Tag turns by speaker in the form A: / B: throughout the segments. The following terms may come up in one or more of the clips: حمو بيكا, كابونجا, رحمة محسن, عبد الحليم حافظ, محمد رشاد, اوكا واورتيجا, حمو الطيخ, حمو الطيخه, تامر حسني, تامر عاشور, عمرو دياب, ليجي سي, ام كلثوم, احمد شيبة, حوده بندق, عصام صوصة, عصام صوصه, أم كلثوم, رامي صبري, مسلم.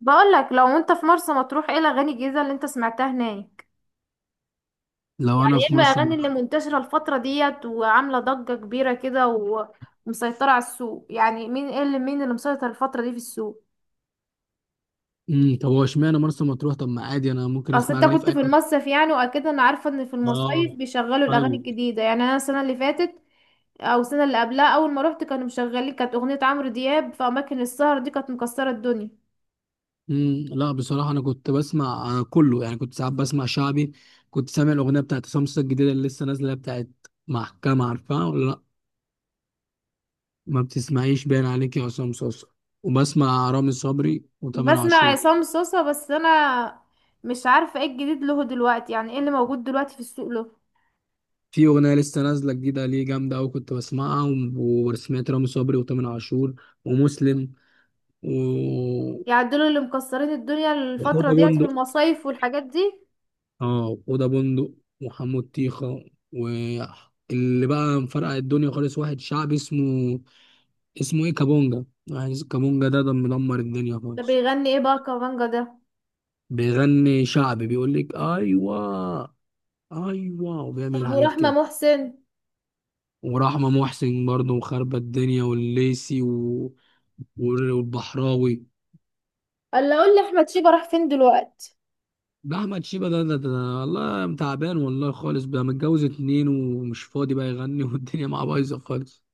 A: بقولك، لو انت في مرسى مطروح ايه الاغاني الجديده اللي انت سمعتها هناك؟
B: لو
A: يعني
B: انا
A: ايه
B: في مرسى
A: الاغاني اللي
B: مطروح.
A: منتشره الفتره ديت وعامله ضجه كبيره كده ومسيطره على السوق؟ يعني مين، ايه اللي، مين اللي مسيطر الفتره دي في السوق؟
B: طب هو اشمعنى مرسى مطروح؟ طب ما عادي، انا ممكن
A: اصل
B: اسمع
A: انت
B: اغاني في
A: كنت
B: اي
A: في
B: حتة.
A: المصيف يعني، واكيد انا عارفه ان في المصايف
B: اه.
A: بيشغلوا الاغاني
B: ايوه.
A: الجديده. يعني انا السنه اللي فاتت او السنه اللي قبلها اول ما روحت كانوا مشغلين، كانت اغنيه عمرو دياب في اماكن السهر دي كانت مكسره الدنيا.
B: لا بصراحه انا كنت بسمع كله، يعني كنت ساعات بسمع شعبي. كنت سامع الاغنيه بتاعت سمسة الجديده اللي لسه نازله بتاعت محكمه، عارفها ولا لا؟ ما بتسمعيش باين عليك يا عصام صوصه. وبسمع رامي صبري وتامر
A: بسمع
B: عاشور.
A: عصام صوصة، بس انا مش عارفة ايه الجديد له دلوقتي، يعني ايه اللي موجود دلوقتي في السوق له؟
B: في اغنيه لسه نازله جديده ليه جامده قوي كنت بسمعها وسمعت رامي صبري وتامر عاشور ومسلم و
A: يعني دول اللي مكسرين الدنيا الفترة ديت في
B: وحوده.
A: المصايف والحاجات دي؟
B: اه اوضه بندق وحمو الطيخه. واللي بقى مفرقع الدنيا خالص واحد شعبي اسمه، اسمه ايه، كابونجا. واحد اسمه كابونجا، ده مدمر الدنيا
A: ده
B: خالص.
A: بيغني ايه بقى كمانجا ده؟
B: بيغني شعبي، بيقول لك ايوه، ايوه، وبيعمل
A: طب
B: حاجات
A: ورحمة
B: كده.
A: محسن؟
B: ورحمه محسن برضه وخربة الدنيا والليسي والبحراوي.
A: الا اقول لي، احمد شيبة راح فين دلوقتي؟
B: ده احمد شيبه ده. والله تعبان والله خالص، بقى متجوز اتنين ومش فاضي بقى يغني والدنيا معاه بايظه خالص.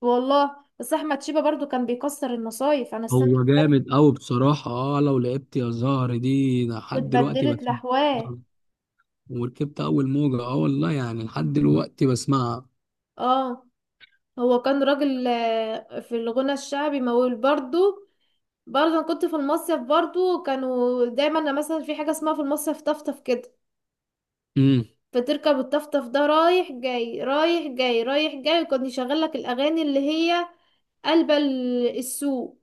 A: والله بس احمد شيبة برضو كان بيكسر المصايف، انا السنة اللي
B: هو
A: فاتت
B: جامد قوي بصراحة، اه لو لعبت يا زهر دي لحد دلوقتي
A: واتبدلت
B: بسمعها.
A: لحواه.
B: وركبت أول موجة، اه والله يعني لحد دلوقتي بسمعها.
A: اه، هو كان راجل في الغنى الشعبي مول برضو. برضه أنا كنت في المصيف، برضه كانوا دايما، أنا مثلا في حاجة اسمها في المصيف طفطف كده،
B: امم
A: فتركب الطفطف ده رايح جاي رايح جاي رايح جاي، وكان يشغل لك الأغاني اللي هي قلب السوق.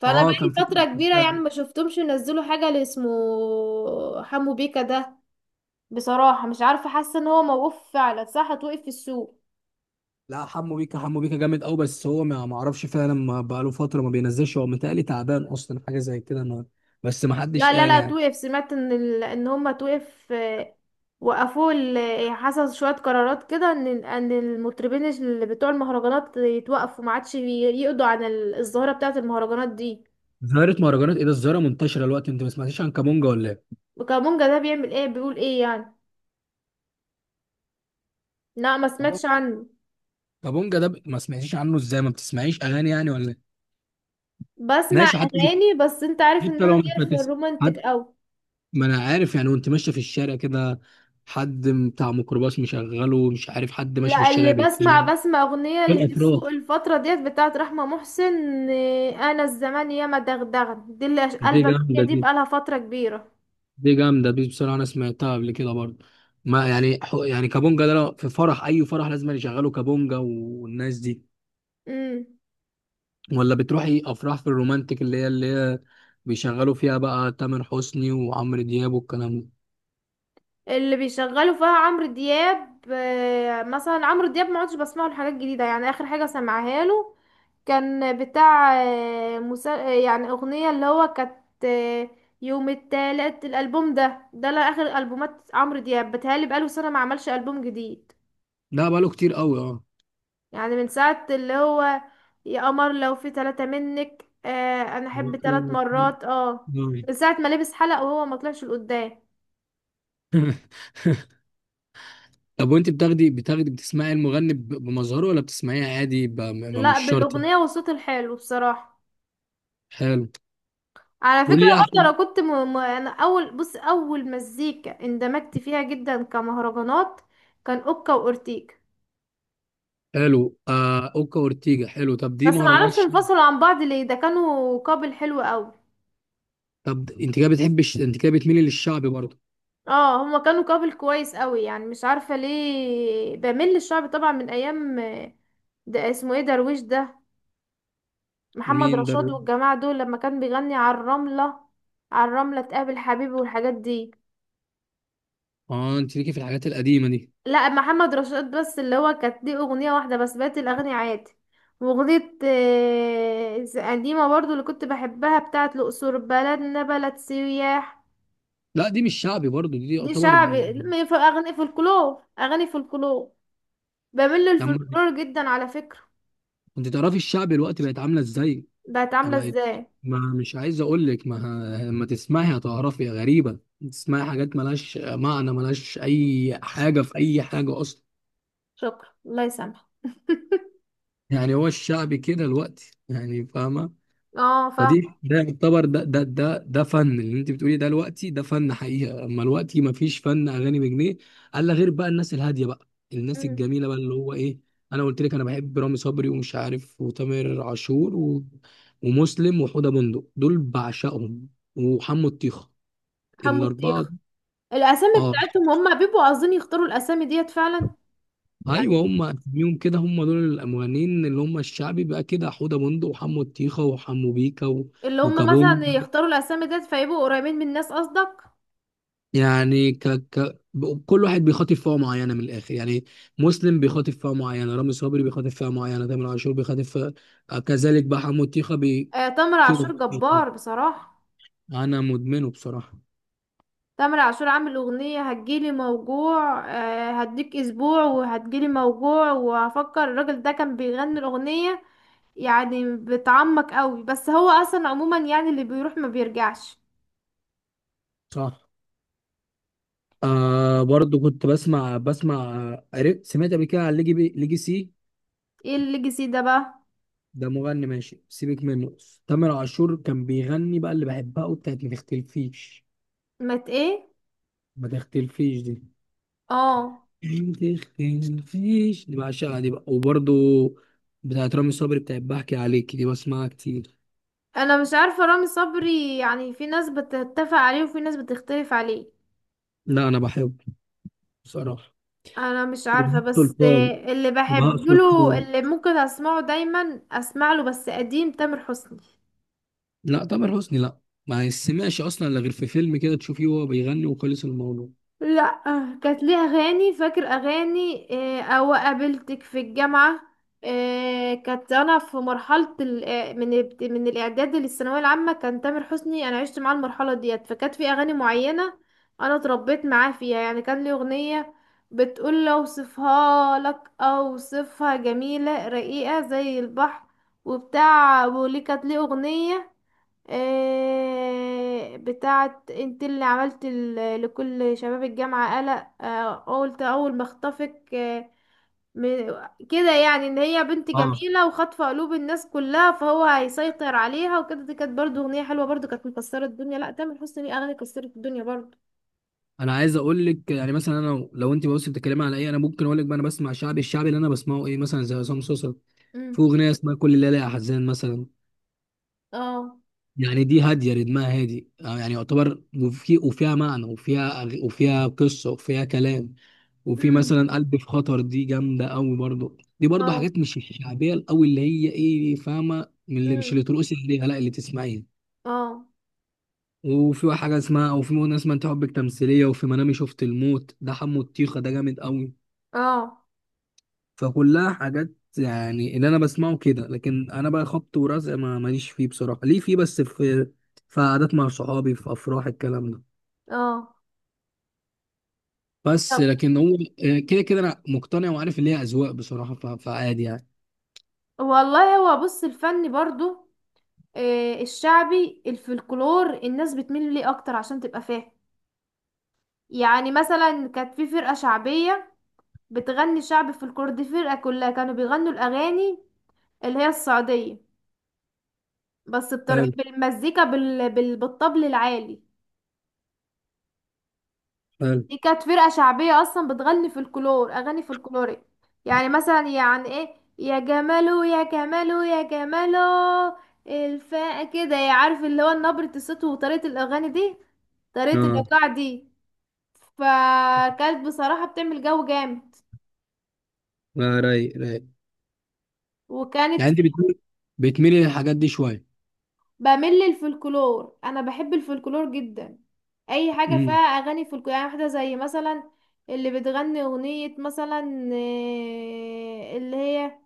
A: فأنا
B: اه كان في.
A: بقالي فترة كبيرة يعني ما شفتهمش ينزلوا حاجة اللي اسمه حمو بيكا ده. بصراحة مش عارفة، حاسة ان هو موقوف فعلا، صح؟ توقف في السوق؟
B: لا حمو بيكا، حمو بيكا جامد قوي، بس هو ما اعرفش فعلا، ما بقاله فترة ما بينزلش، هو متهيألي تعبان أصلا، حاجة زي كده ما، بس ما
A: لا،
B: حدش
A: لا
B: قال
A: لا
B: يعني.
A: توقف. سمعت ان ان هما توقف، وقفوا حصل شوية قرارات كده ان المطربين اللي بتوع المهرجانات يتوقفوا، ما عادش يقضوا عن الظاهرة بتاعة المهرجانات دي.
B: ظاهرة مهرجانات ايه ده؟ الظاهرة منتشرة دلوقتي، انت ما سمعتيش عن كابونجا ولا ايه؟
A: وكابونجا ده بيعمل ايه، بيقول ايه يعني؟ لا ما سمعتش
B: كابونجا.
A: عنه.
B: كابونجا ما سمعتيش عنه ازاي؟ ما بتسمعيش أغاني يعني ولا ايه؟
A: بسمع
B: ماشي. حتى،
A: اغاني، بس انت عارف ان
B: حتى
A: انا
B: لو مش
A: ليا في
B: بتسمع،
A: الرومانتك اوي.
B: ما انا عارف يعني، وانت ماشيه في الشارع كده، حد بتاع ميكروباص مشغله، مش عارف حد ماشي في
A: لا، اللي
B: الشارع
A: بسمع
B: بيتمشي.
A: بسمع اغنية
B: في
A: اللي في
B: الاتراك
A: السوق الفترة ديت بتاعت رحمة محسن. انا الزمان ياما دغدغن دي اللي
B: دي
A: قلبت.
B: جامده
A: دي
B: دي،
A: بقالها فترة كبيرة.
B: دي جامده دي بصراحه، انا سمعتها قبل كده برضه. ما يعني يعني كابونجا ده لو في فرح، اي فرح لازم يشغلوا كابونجا والناس دي.
A: امم.
B: ولا بتروحي افراح في الرومانتيك، اللي هي بيشغلوا فيها بقى تامر حسني وعمرو دياب والكلام ده.
A: اللي بيشغلوا فيها عمرو دياب، مثلا عمرو دياب ما عدتش بسمع له حاجات جديده، يعني اخر حاجه سمعها له كان بتاع آه، مسا... آه، يعني اغنيه اللي هو كانت يوم التالت الالبوم ده. لا اخر البومات عمرو دياب بتهيألي بقاله سنه ما عملش البوم جديد.
B: ده بقاله كتير قوي اه.
A: يعني من ساعه اللي هو يا قمر لو في ثلاثه منك، انا احب ثلاث مرات، اه. من ساعه ما لبس حلق وهو ما طلعش لقدام.
B: طب وانت بتاخدي بتسمعي المغني بمظهره، ولا بتسمعيه عادي؟
A: لا،
B: مش شرط.
A: بالاغنيه والصوت الحلو بصراحه.
B: حلو.
A: على فكرة
B: قولي لي
A: برضه انا
B: احسن.
A: كنت انا اول بص اول مزيكا اندمجت فيها جدا كمهرجانات كان اوكا واورتيجا.
B: حلو، آه اوكا اورتيجا، حلو، طب دي
A: بس
B: مهرجان
A: معرفش
B: الشعب.
A: انفصلوا عن بعض ليه، ده كانوا كابل حلو قوي.
B: طب انت كده انت كده بتميلي للشعبي برضه.
A: اه، هما كانوا كابل كويس قوي. يعني مش عارفة ليه بميل للشعب، طبعا من ايام، ده اسمه ايه درويش ده، محمد
B: مين ده؟
A: رشاد والجماعة دول لما كان بيغني على الرملة، على الرملة تقابل حبيبي والحاجات دي.
B: اه انت ليكي في الحاجات القديمه دي.
A: لا محمد رشاد بس اللي هو كانت ليه اغنية واحدة بس، بقت الاغاني عادي. واغنية قديمة برضو اللي كنت بحبها بتاعت الاقصر بلدنا بلد سياح.
B: لا دي مش شعبي برضه، دي
A: دي
B: يعتبر.
A: شعبي لما في اغاني فولكلور، اغاني فولكلور. بميل
B: لما
A: للفولكلور جدا على فكرة.
B: انت تعرفي الشعبي الوقت بقت عامله ازاي.
A: بقت عاملة
B: بقت.
A: ازاي؟
B: ما مش عايز اقول لك، ما لما تسمعي هتعرفي، غريبه، تسمعي حاجات ملهاش معنى، ملهاش اي حاجه في اي حاجه اصلا.
A: شكرا، الله يسامحك.
B: يعني هو الشعبي كده الوقتي، يعني فاهمه.
A: اه فاهم.
B: فدي ده يعتبر، ده فن اللي انت بتقولي ده، الوقتي ده فن حقيقه، اما الوقتي ما فيش فن اغاني بجنيه. الا غير بقى الناس الهاديه بقى، الناس
A: مم.
B: الجميله بقى اللي هو ايه. انا قلت لك انا بحب رامي صبري ومش عارف وتامر عاشور ومسلم وحوده بندق دول بعشقهم، وحمو الطيخه،
A: حمو
B: الاربعه.
A: الطيخ. الاسامي
B: اه.
A: بتاعتهم، هم بيبقوا عاوزين يختاروا الاسامي ديت فعلا يعني،
B: ايوه هم اسميهم كده، هم دول المغنيين اللي هم الشعبي بقى كده، حوده بندق وحمو الطيخه وحمو بيكا
A: اللي هم
B: وكابونج.
A: مثلا يختاروا الاسامي ديت فيبقوا قريبين من الناس قصدك؟
B: يعني كل واحد بيخاطب فئه معينه من الاخر يعني. مسلم بيخاطب فئه معينه، رامي صبري بيخاطب فئه معينه، تامر عاشور بيخاطب فئه، كذلك بقى حمو طيخه
A: آه تامر عاشور
B: كده.
A: جبار بصراحة.
B: انا مدمنه بصراحه.
A: تامر عاشور عامل أغنية هتجيلي موجوع، آه هديك أسبوع وهتجيلي موجوع وهفكر الراجل ده كان بيغني الأغنية، يعني بتعمق قوي. بس هو أصلا عموما يعني اللي بيروح ما بيرجعش.
B: صح. آه برضو كنت بسمع. سمعت قبل كده عن ليجي سي.
A: ايه الليجاسي ده بقى؟
B: ده مغني ماشي سيبك منه. تامر عاشور كان بيغني بقى اللي بحبها وبتاعت ما تختلفيش.
A: مت ايه؟
B: ما تختلفيش دي،
A: اه.
B: تخين فيش دي بعشقها دي بقى. وبرضو بتاعت رامي صبري، بتاعت بحكي عليك، دي بسمعها كتير.
A: انا مش عارفة رامي صبري، يعني في ناس بتتفق عليه وفي ناس بتختلف عليه.
B: لا انا بحبه بصراحه.
A: انا مش عارفه،
B: وبهاء
A: بس
B: سلطان
A: اللي
B: وبهاء
A: بحب له،
B: سلطان
A: اللي ممكن اسمعه دايما اسمع له بس قديم، تامر حسني.
B: لا تامر حسني لا، ما يسمعش اصلا، لا غير في فيلم كده تشوفيه وهو بيغني وخلص الموضوع.
A: لا، كانت ليها اغاني، فاكر اغاني او قابلتك في الجامعه. كانت انا في مرحله من من الاعداد للثانويه العامه كان تامر حسني، انا عشت معاه المرحله ديت فكانت في اغاني معينه انا اتربيت معاه فيها، يعني كان لي اغنيه بتقول لو اوصفها لك اوصفها جميله رقيقه زي البحر وبتاع. وليه كانت ليه اغنيه بتاعت انت اللي عملت لكل شباب الجامعة قلق، قلت اول ما اخطفك، كده، يعني ان هي بنت
B: اه
A: جميلة وخاطفة قلوب الناس كلها فهو هيسيطر عليها وكده. دي كانت برضو اغنية حلوة، برضو كانت مكسرة الدنيا. لا تامر حسني ليه اغاني كسرت الدنيا برضو.
B: انا عايز اقول لك يعني مثلا انا، لو انت بص بتتكلمي على ايه، انا ممكن اقول لك بقى انا بسمع شعبي. الشعبي اللي انا بسمعه ايه؟ مثلا زي عصام صوصه،
A: امم.
B: في اغنيه اسمها كل ليله يا حزان مثلا.
A: اه.
B: يعني دي هادية، رتمها هادي آه، يعني يعتبر، وفي وفيها معنى، وفيها قصة وفيها كلام. وفي
A: امم.
B: مثلا قلب في خطر، دي جامدة أوي برضو. دي برضو
A: اه.
B: حاجات مش الشعبية الأوي اللي هي إيه، فاهمة، من اللي مش
A: امم.
B: اللي ترقصي عليها، لا اللي تسمعيها.
A: اه.
B: وفي حاجة اسمها، أو في أغنية اسمها أنت حبك تمثيلية، وفي منامي شفت الموت، ده حمو الطيخة ده جامد أوي.
A: اه.
B: فكلها حاجات، يعني اللي أنا بسمعه كده. لكن أنا بقى خبط ورزق ما ماليش فيه بصراحة، ليه فيه، بس في في قعدات مع صحابي في أفراح الكلام ده.
A: اه.
B: بس
A: طب،
B: لكن هو كده كده انا مقتنع وعارف ان هي اذواق بصراحه، فعادي يعني.
A: والله هو بص، الفن برضو الشعبي الفلكلور الناس بتميل ليه اكتر عشان تبقى فاهم. يعني مثلا كانت في فرقة شعبية بتغني شعب فلكلور، دي فرقة كلها كانوا بيغنوا الاغاني اللي هي السعودية، بس بطريقة
B: حلو
A: بالمزيكا بالطبل العالي.
B: حلو
A: دي كانت فرقة شعبية اصلا بتغني فلكلور، اغاني فلكلورية. يعني مثلا يعني ايه، يا جمالو يا جمالو يا جمالو، الفا كده، عارف اللي هو نبرة الصوت وطريقة الاغاني دي، طريقة
B: اه.
A: الايقاع دي، فكانت بصراحة بتعمل جو جامد.
B: لا رايق رايق.
A: وكانت
B: يعني انت
A: في،
B: بتميل، بتميلي للحاجات دي شويه.
A: بمل الفلكلور، انا بحب الفلكلور جدا. اي حاجة فيها
B: امم
A: اغاني فلكلور، يعني واحدة زي مثلا اللي بتغني اغنية مثلا اللي هي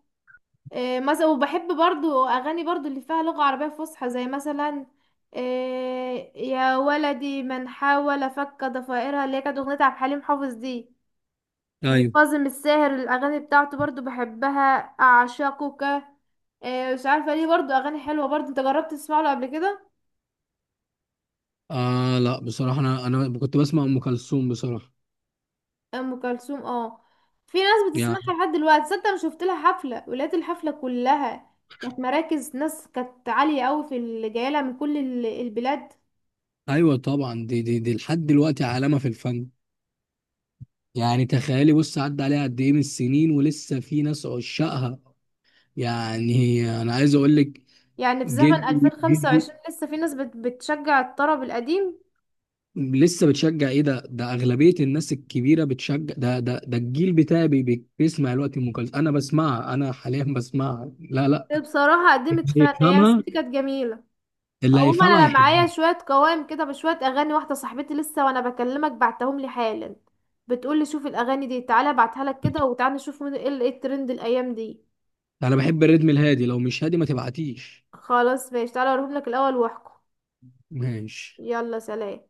A: مثلا. وبحب برضو اغاني برضو اللي فيها لغة عربية فصحى زي مثلا يا ولدي من حاول فك ضفائرها اللي هي كانت اغنية عبد الحليم حافظ دي.
B: ايوه.
A: وكاظم الساهر الأغاني بتاعته برضو بحبها، أعشقك مش عارفه ليه، برضو اغاني حلوه برضو. انت جربت تسمع له قبل كده؟
B: آه لا بصراحة أنا كنت بسمع أم كلثوم بصراحة
A: ام كلثوم، اه. في ناس بتسمعها
B: يعني.
A: لحد دلوقتي صدق، انا شفت لها حفله ولاد الحفله كلها كانت مراكز، ناس كانت عاليه قوي في اللي جايه لها من كل البلاد.
B: أيوة طبعا، دي دي لحد دلوقتي علامة في الفن. يعني تخيلي بص، عدى عليها قد إيه من السنين ولسه في ناس عشاقها. يعني أنا عايز أقول لك،
A: يعني في زمن
B: جدي جدي،
A: 2025 لسه في ناس بتشجع الطرب القديم.
B: لسه بتشجع ايه؟ ده اغلبيه الناس الكبيره بتشجع ده، ده الجيل بتاعي بيسمع الوقت ام كلثوم، انا بسمعها، انا حاليا بسمعها. لا لا
A: بصراحه قدمت فن، هي ست
B: يفهمها،
A: كانت جميله.
B: اللي
A: عموما
B: هيفهمها
A: انا معايا
B: يحبها.
A: شويه قوائم كده بشويه اغاني، واحده صاحبتي لسه وانا بكلمك بعتهم لي حالا، بتقول لي شوف الاغاني دي، تعالى ابعتها لك كده وتعالى نشوف ايه إيه الترند الايام دي.
B: انا بحب الريتم الهادي، لو مش هادي ما تبعتيش.
A: خلاص ماشي، تعالى اوريهم لك الاول واحكم.
B: ماشي.
A: يلا سلام.